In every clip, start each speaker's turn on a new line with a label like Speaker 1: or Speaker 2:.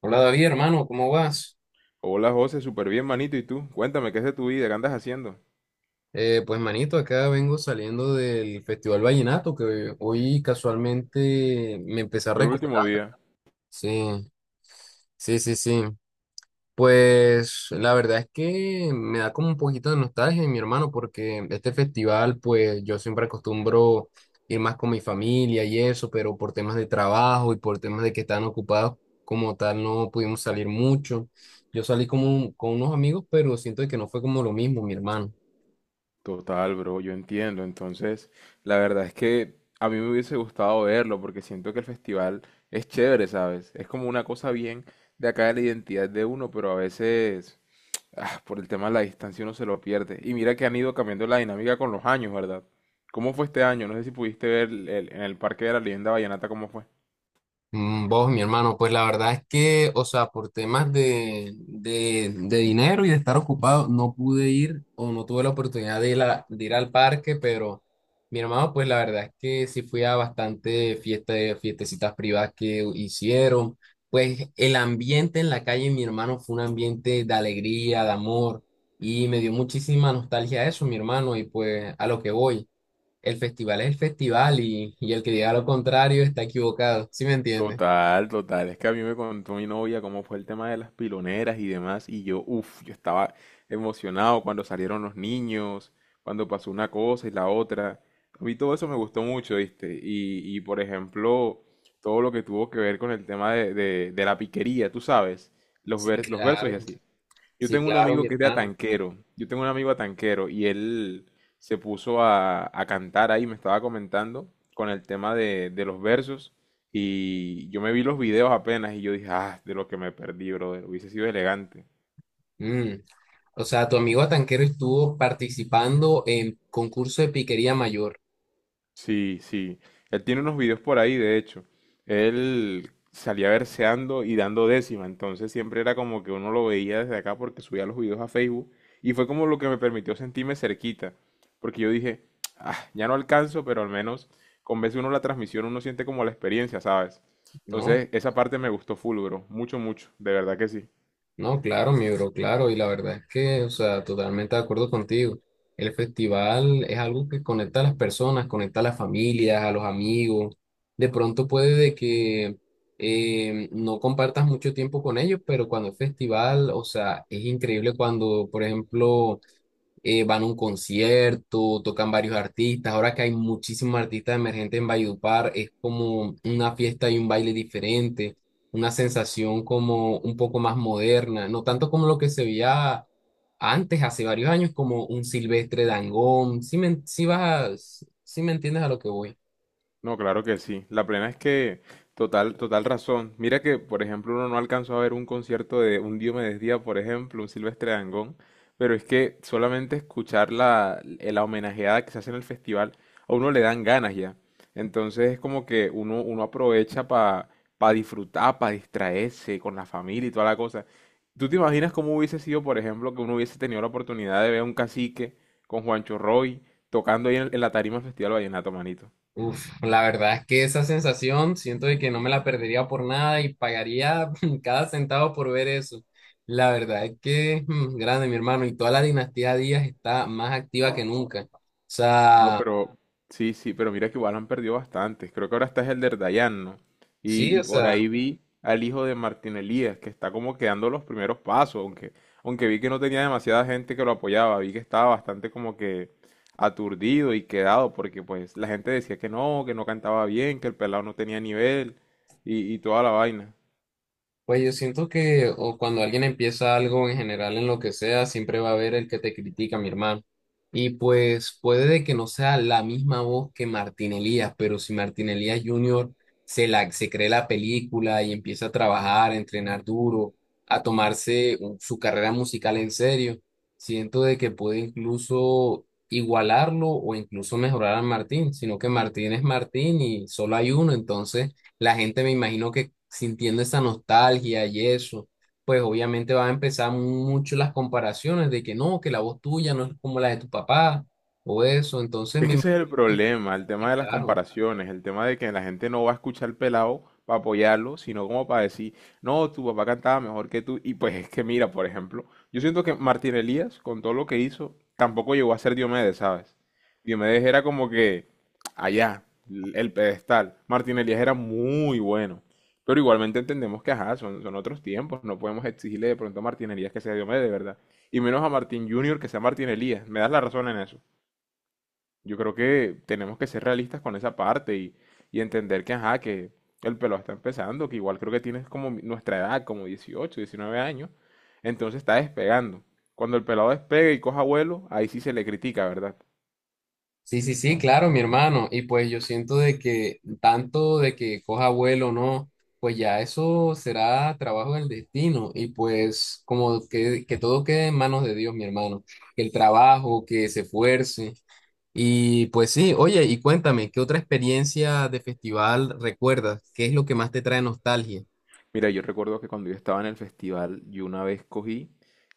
Speaker 1: Hola David, hermano, ¿cómo vas?
Speaker 2: Hola José, súper bien, manito. ¿Y tú? Cuéntame, ¿qué es de tu vida? ¿Qué andas haciendo?
Speaker 1: Pues manito, acá vengo saliendo del Festival Vallenato que hoy casualmente me empecé a
Speaker 2: Fue el
Speaker 1: recuperar.
Speaker 2: último día.
Speaker 1: Sí, sí. Pues la verdad es que me da como un poquito de nostalgia, mi hermano, porque este festival, pues yo siempre acostumbro ir más con mi familia y eso, pero por temas de trabajo y por temas de que están ocupados como tal, no pudimos salir mucho. Yo salí con unos amigos, pero siento que no fue como lo mismo, mi hermano.
Speaker 2: Total, bro, yo entiendo. Entonces, la verdad es que a mí me hubiese gustado verlo porque siento que el festival es chévere, ¿sabes? Es como una cosa bien de acá de la identidad de uno, pero a veces, por el tema de la distancia uno se lo pierde. Y mira que han ido cambiando la dinámica con los años, ¿verdad? ¿Cómo fue este año? No sé si pudiste ver en el Parque de la Leyenda Vallenata cómo fue.
Speaker 1: Mm, vos, mi hermano, pues la verdad es que, o sea, por temas de dinero y de estar ocupado, no pude ir o no tuve la oportunidad de ir, de ir al parque, pero mi hermano, pues la verdad es que sí fui a bastante fiesta fiestecitas privadas que hicieron. Pues el ambiente en la calle, mi hermano, fue un ambiente de alegría, de amor, y me dio muchísima nostalgia eso, mi hermano, y pues a lo que voy. El festival es el festival y el que diga lo contrario está equivocado, ¿sí me entiendes?
Speaker 2: Total, total. Es que a mí me contó mi novia cómo fue el tema de las piloneras y demás, y yo, uff, yo estaba emocionado cuando salieron los niños, cuando pasó una cosa y la otra. A mí todo eso me gustó mucho, ¿viste? Y por ejemplo, todo lo que tuvo que ver con el tema de la piquería, tú sabes,
Speaker 1: Sí,
Speaker 2: los versos y
Speaker 1: claro,
Speaker 2: así. Yo
Speaker 1: sí,
Speaker 2: tengo un
Speaker 1: claro, mi
Speaker 2: amigo que es de
Speaker 1: hermano.
Speaker 2: Atanquero. Yo tengo un amigo Atanquero y él se puso a cantar ahí, me estaba comentando con el tema de los versos. Y yo me vi los videos apenas y yo dije, ah, de lo que me perdí, brother. Hubiese sido elegante.
Speaker 1: Mm, o sea, tu amigo Tanquero estuvo participando en concurso de piquería mayor,
Speaker 2: Sí, sí. Él tiene unos videos por ahí, de hecho. Él salía verseando y dando décima, entonces siempre era como que uno lo veía desde acá porque subía los videos a Facebook y fue como lo que me permitió sentirme cerquita, porque yo dije, ah, ya no alcanzo, pero al menos con veces uno la transmisión uno siente como la experiencia, ¿sabes?
Speaker 1: ¿no?
Speaker 2: Entonces esa parte me gustó full, bro, mucho, mucho, de verdad que sí.
Speaker 1: No, claro, mi bro, claro. Y la verdad es que, o sea, totalmente de acuerdo contigo. El festival es algo que conecta a las personas, conecta a las familias, a los amigos. De pronto puede de que no compartas mucho tiempo con ellos, pero cuando es festival, o sea, es increíble cuando, por ejemplo, van a un concierto, tocan varios artistas. Ahora que hay muchísimos artistas emergentes en Valledupar, es como una fiesta y un baile diferente, una sensación como un poco más moderna, no tanto como lo que se veía antes, hace varios años, como un Silvestre Dangond. Si me, si vas a- Sí me entiendes a lo que voy.
Speaker 2: No, claro que sí. La plena es que total, total razón. Mira que, por ejemplo, uno no alcanzó a ver un concierto de un Diomedes Díaz, por ejemplo, un Silvestre Dangond, pero es que solamente escuchar la homenajeada que se hace en el festival, a uno le dan ganas ya. Entonces es como que uno aprovecha para disfrutar, para distraerse con la familia y toda la cosa. ¿Tú te imaginas cómo hubiese sido, por ejemplo, que uno hubiese tenido la oportunidad de ver a un cacique con Juancho Roy tocando ahí en la tarima del Festival Vallenato, manito?
Speaker 1: Uf, la verdad es que esa sensación siento de que no me la perdería por nada y pagaría cada centavo por ver eso. La verdad es que mm, grande, mi hermano, y toda la dinastía Díaz está más activa que nunca. O
Speaker 2: No,
Speaker 1: sea,
Speaker 2: pero sí, sí, pero mira que igual han perdido bastantes. Creo que ahora está es el de Dayan, ¿no?
Speaker 1: sí,
Speaker 2: Y
Speaker 1: o
Speaker 2: por
Speaker 1: sea.
Speaker 2: ahí vi al hijo de Martín Elías, que está como que dando los primeros pasos, aunque, aunque vi que no tenía demasiada gente que lo apoyaba, vi que estaba bastante como que aturdido y quedado, porque pues la gente decía que no cantaba bien, que el pelado no tenía nivel y toda la vaina.
Speaker 1: Pues yo siento que o cuando alguien empieza algo en general en lo que sea, siempre va a haber el que te critica, mi hermano. Y pues puede de que no sea la misma voz que Martín Elías, pero si Martín Elías Junior se cree la película y empieza a trabajar, a entrenar duro, su carrera musical en serio, siento de que puede incluso igualarlo o incluso mejorar a Martín, sino que Martín es Martín y solo hay uno, entonces la gente me imagino que sintiendo esa nostalgia y eso, pues obviamente van a empezar mucho las comparaciones de que no, que la voz tuya no es como la de tu papá o eso, entonces
Speaker 2: Es
Speaker 1: me
Speaker 2: que ese es
Speaker 1: imagino,
Speaker 2: el problema, el
Speaker 1: que,
Speaker 2: tema de las
Speaker 1: claro.
Speaker 2: comparaciones, el tema de que la gente no va a escuchar al pelado para apoyarlo, sino como para decir, no, tu papá cantaba mejor que tú. Y pues es que mira, por ejemplo, yo siento que Martín Elías, con todo lo que hizo, tampoco llegó a ser Diomedes, ¿sabes? Diomedes era como que allá, el pedestal. Martín Elías era muy bueno. Pero igualmente entendemos que, ajá, son otros tiempos, no podemos exigirle de pronto a Martín Elías que sea Diomedes, ¿verdad? Y menos a Martín Junior que sea Martín Elías. Me das la razón en eso. Yo creo que tenemos que ser realistas con esa parte y entender que, ajá, que el pelo está empezando, que igual creo que tienes como nuestra edad, como 18, 19 años, entonces está despegando. Cuando el pelado despegue y coja vuelo, ahí sí se le critica, ¿verdad?
Speaker 1: Sí, sí, sí, claro, mi hermano. Y pues yo siento de que tanto de que coja vuelo o no, pues ya eso será trabajo del destino. Y pues como que todo quede en manos de Dios, mi hermano. Que el trabajo, que se esfuerce. Y pues sí, oye, y cuéntame, ¿qué otra experiencia de festival recuerdas? ¿Qué es lo que más te trae nostalgia?
Speaker 2: Mira, yo recuerdo que cuando yo estaba en el festival, yo una vez cogí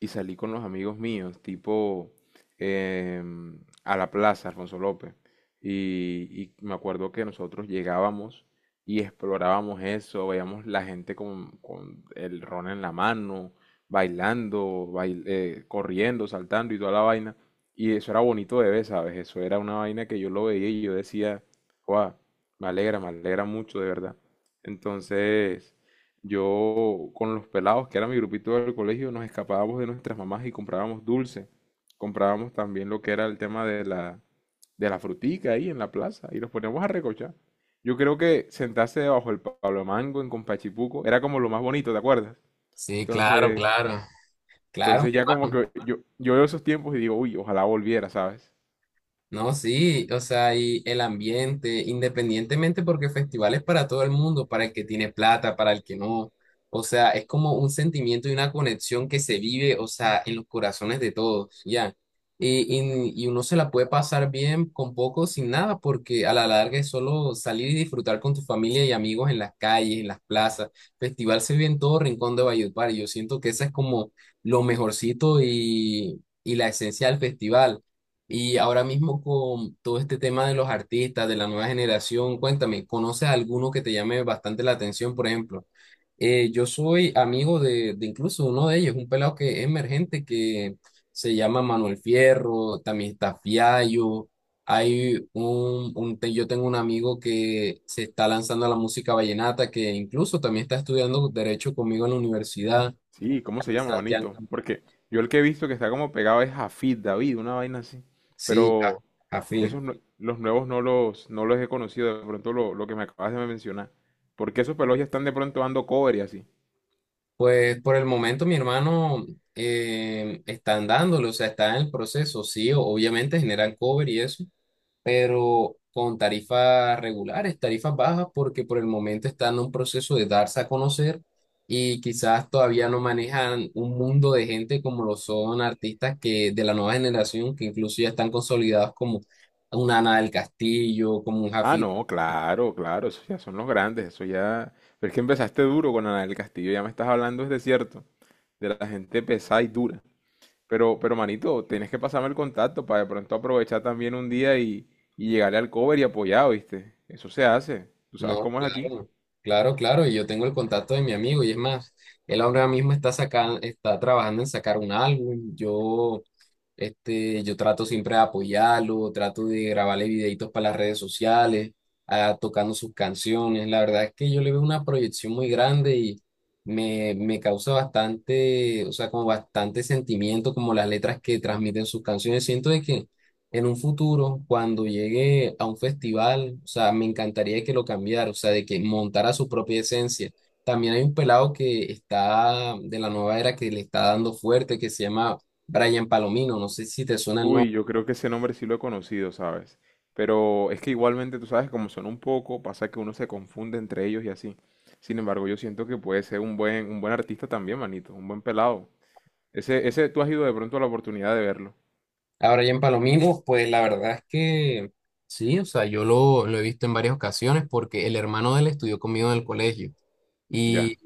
Speaker 2: y salí con los amigos míos, tipo a la plaza, Alfonso López. Y me acuerdo que nosotros llegábamos y explorábamos eso, veíamos la gente con el ron en la mano, bailando, corriendo, saltando y toda la vaina. Y eso era bonito de ver, ¿sabes? Eso era una vaina que yo lo veía y yo decía, wow, me alegra mucho, de verdad. Entonces… Yo con los pelados, que era mi grupito del colegio, nos escapábamos de nuestras mamás y comprábamos dulce. Comprábamos también lo que era el tema de la frutica ahí en la plaza y los poníamos a recochar. Yo creo que sentarse debajo del Pablo Mango en Compachipuco era como lo más bonito, ¿te acuerdas?
Speaker 1: Sí, claro,
Speaker 2: Entonces,
Speaker 1: claro. Claro, mi
Speaker 2: entonces ya como
Speaker 1: hermano.
Speaker 2: que yo veo esos tiempos y digo, uy, ojalá volviera, ¿sabes?
Speaker 1: No, sí, o sea, y el ambiente, independientemente porque el festival es para todo el mundo, para el que tiene plata, para el que no. O sea, es como un sentimiento y una conexión que se vive, o sea, en los corazones de todos, ya. Y uno se la puede pasar bien con poco, sin nada, porque a la larga es solo salir y disfrutar con tu familia y amigos en las calles, en las plazas. Festival se vive en todo rincón de Valledupar y yo siento que esa es como lo mejorcito y la esencia del festival. Y ahora mismo con todo este tema de los artistas, de la nueva generación, cuéntame, ¿conoces alguno que te llame bastante la atención, por ejemplo? Yo soy amigo de incluso uno de ellos, un pelado que es emergente que se llama Manuel Fierro, también está Fiallo, hay yo tengo un amigo que se está lanzando a la música vallenata, que incluso también está estudiando derecho conmigo en la universidad,
Speaker 2: Sí, ¿cómo se llama,
Speaker 1: Sebastián,
Speaker 2: manito? Porque yo el que he visto que está como pegado es Jafid David, una vaina así.
Speaker 1: sí,
Speaker 2: Pero
Speaker 1: afín.
Speaker 2: esos los nuevos no los he conocido, de pronto lo que me acabas de mencionar. Porque esos pelos ya están de pronto dando cover y así.
Speaker 1: Pues por el momento mi hermano están dándole, o sea, está en el proceso, sí, obviamente generan cover y eso, pero con tarifas regulares, tarifas bajas, porque por el momento están en un proceso de darse a conocer y quizás todavía no manejan un mundo de gente como lo son artistas que de la nueva generación, que incluso ya están consolidados como una Ana del Castillo, como un
Speaker 2: Ah,
Speaker 1: Jafid.
Speaker 2: no, claro, claro, esos ya son los grandes, eso ya… Pero es que empezaste duro con Ana del Castillo, ya me estás hablando, es de cierto, de la gente pesada y dura. Pero manito, tienes que pasarme el contacto para de pronto aprovechar también un día y llegarle al cover y apoyar, ¿viste? Eso se hace. ¿Tú sabes
Speaker 1: No,
Speaker 2: cómo es aquí?
Speaker 1: claro, claro, claro. Y yo tengo el contacto de mi amigo. Y es más, él ahora mismo está sacando, está trabajando en sacar un álbum. Yo, este, yo trato siempre de apoyarlo, trato de grabarle videitos para las redes sociales, ah, tocando sus canciones. La verdad es que yo le veo una proyección muy grande y me causa bastante, o sea, como bastante sentimiento, como las letras que transmiten sus canciones. Siento de que en un futuro, cuando llegue a un festival, o sea, me encantaría que lo cambiara, o sea, de que montara su propia esencia. También hay un pelado que está de la nueva era que le está dando fuerte, que se llama Brian Palomino, no sé si te suena el nombre.
Speaker 2: Uy, yo creo que ese nombre sí lo he conocido, ¿sabes? Pero es que igualmente, tú sabes, como son un poco, pasa que uno se confunde entre ellos y así. Sin embargo, yo siento que puede ser un buen artista también, manito, un buen pelado. Ese, tú has ido de pronto a la oportunidad de verlo.
Speaker 1: A Brian Palomino, pues la verdad es que sí, o sea, lo he visto en varias ocasiones porque el hermano de él estudió conmigo en el colegio.
Speaker 2: Ya.
Speaker 1: Y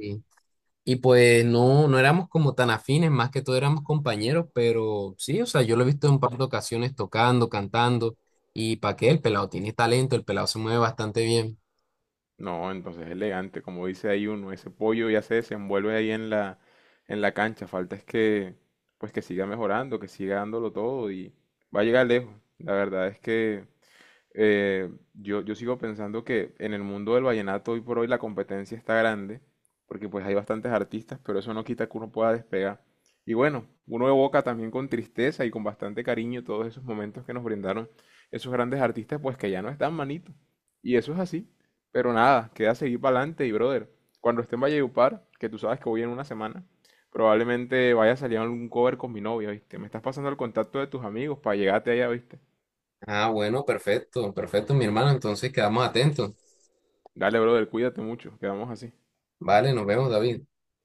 Speaker 1: y pues no, no éramos como tan afines, más que todo éramos compañeros, pero sí, o sea, yo lo he visto en un par de ocasiones tocando, cantando, y para qué, el pelado tiene talento, el pelado se mueve bastante bien.
Speaker 2: No, entonces elegante, como dice ahí uno, ese pollo ya se desenvuelve ahí en en la cancha, falta es que, pues que siga mejorando, que siga dándolo todo y va a llegar lejos. La verdad es que yo sigo pensando que en el mundo del vallenato hoy por hoy la competencia está grande, porque pues hay bastantes artistas, pero eso no quita que uno pueda despegar. Y bueno, uno evoca también con tristeza y con bastante cariño todos esos momentos que nos brindaron esos grandes artistas, pues que ya no están manito. Y eso es así. Pero nada, queda seguir para adelante y brother, cuando esté en Valledupar, que tú sabes que voy en una semana, probablemente vaya a salir algún cover con mi novia, ¿viste? Me estás pasando el contacto de tus amigos para llegarte allá, ¿viste?
Speaker 1: Ah, bueno, perfecto, perfecto, mi hermano, entonces quedamos atentos.
Speaker 2: Dale, brother, cuídate mucho. Quedamos así.
Speaker 1: Vale, nos vemos, David.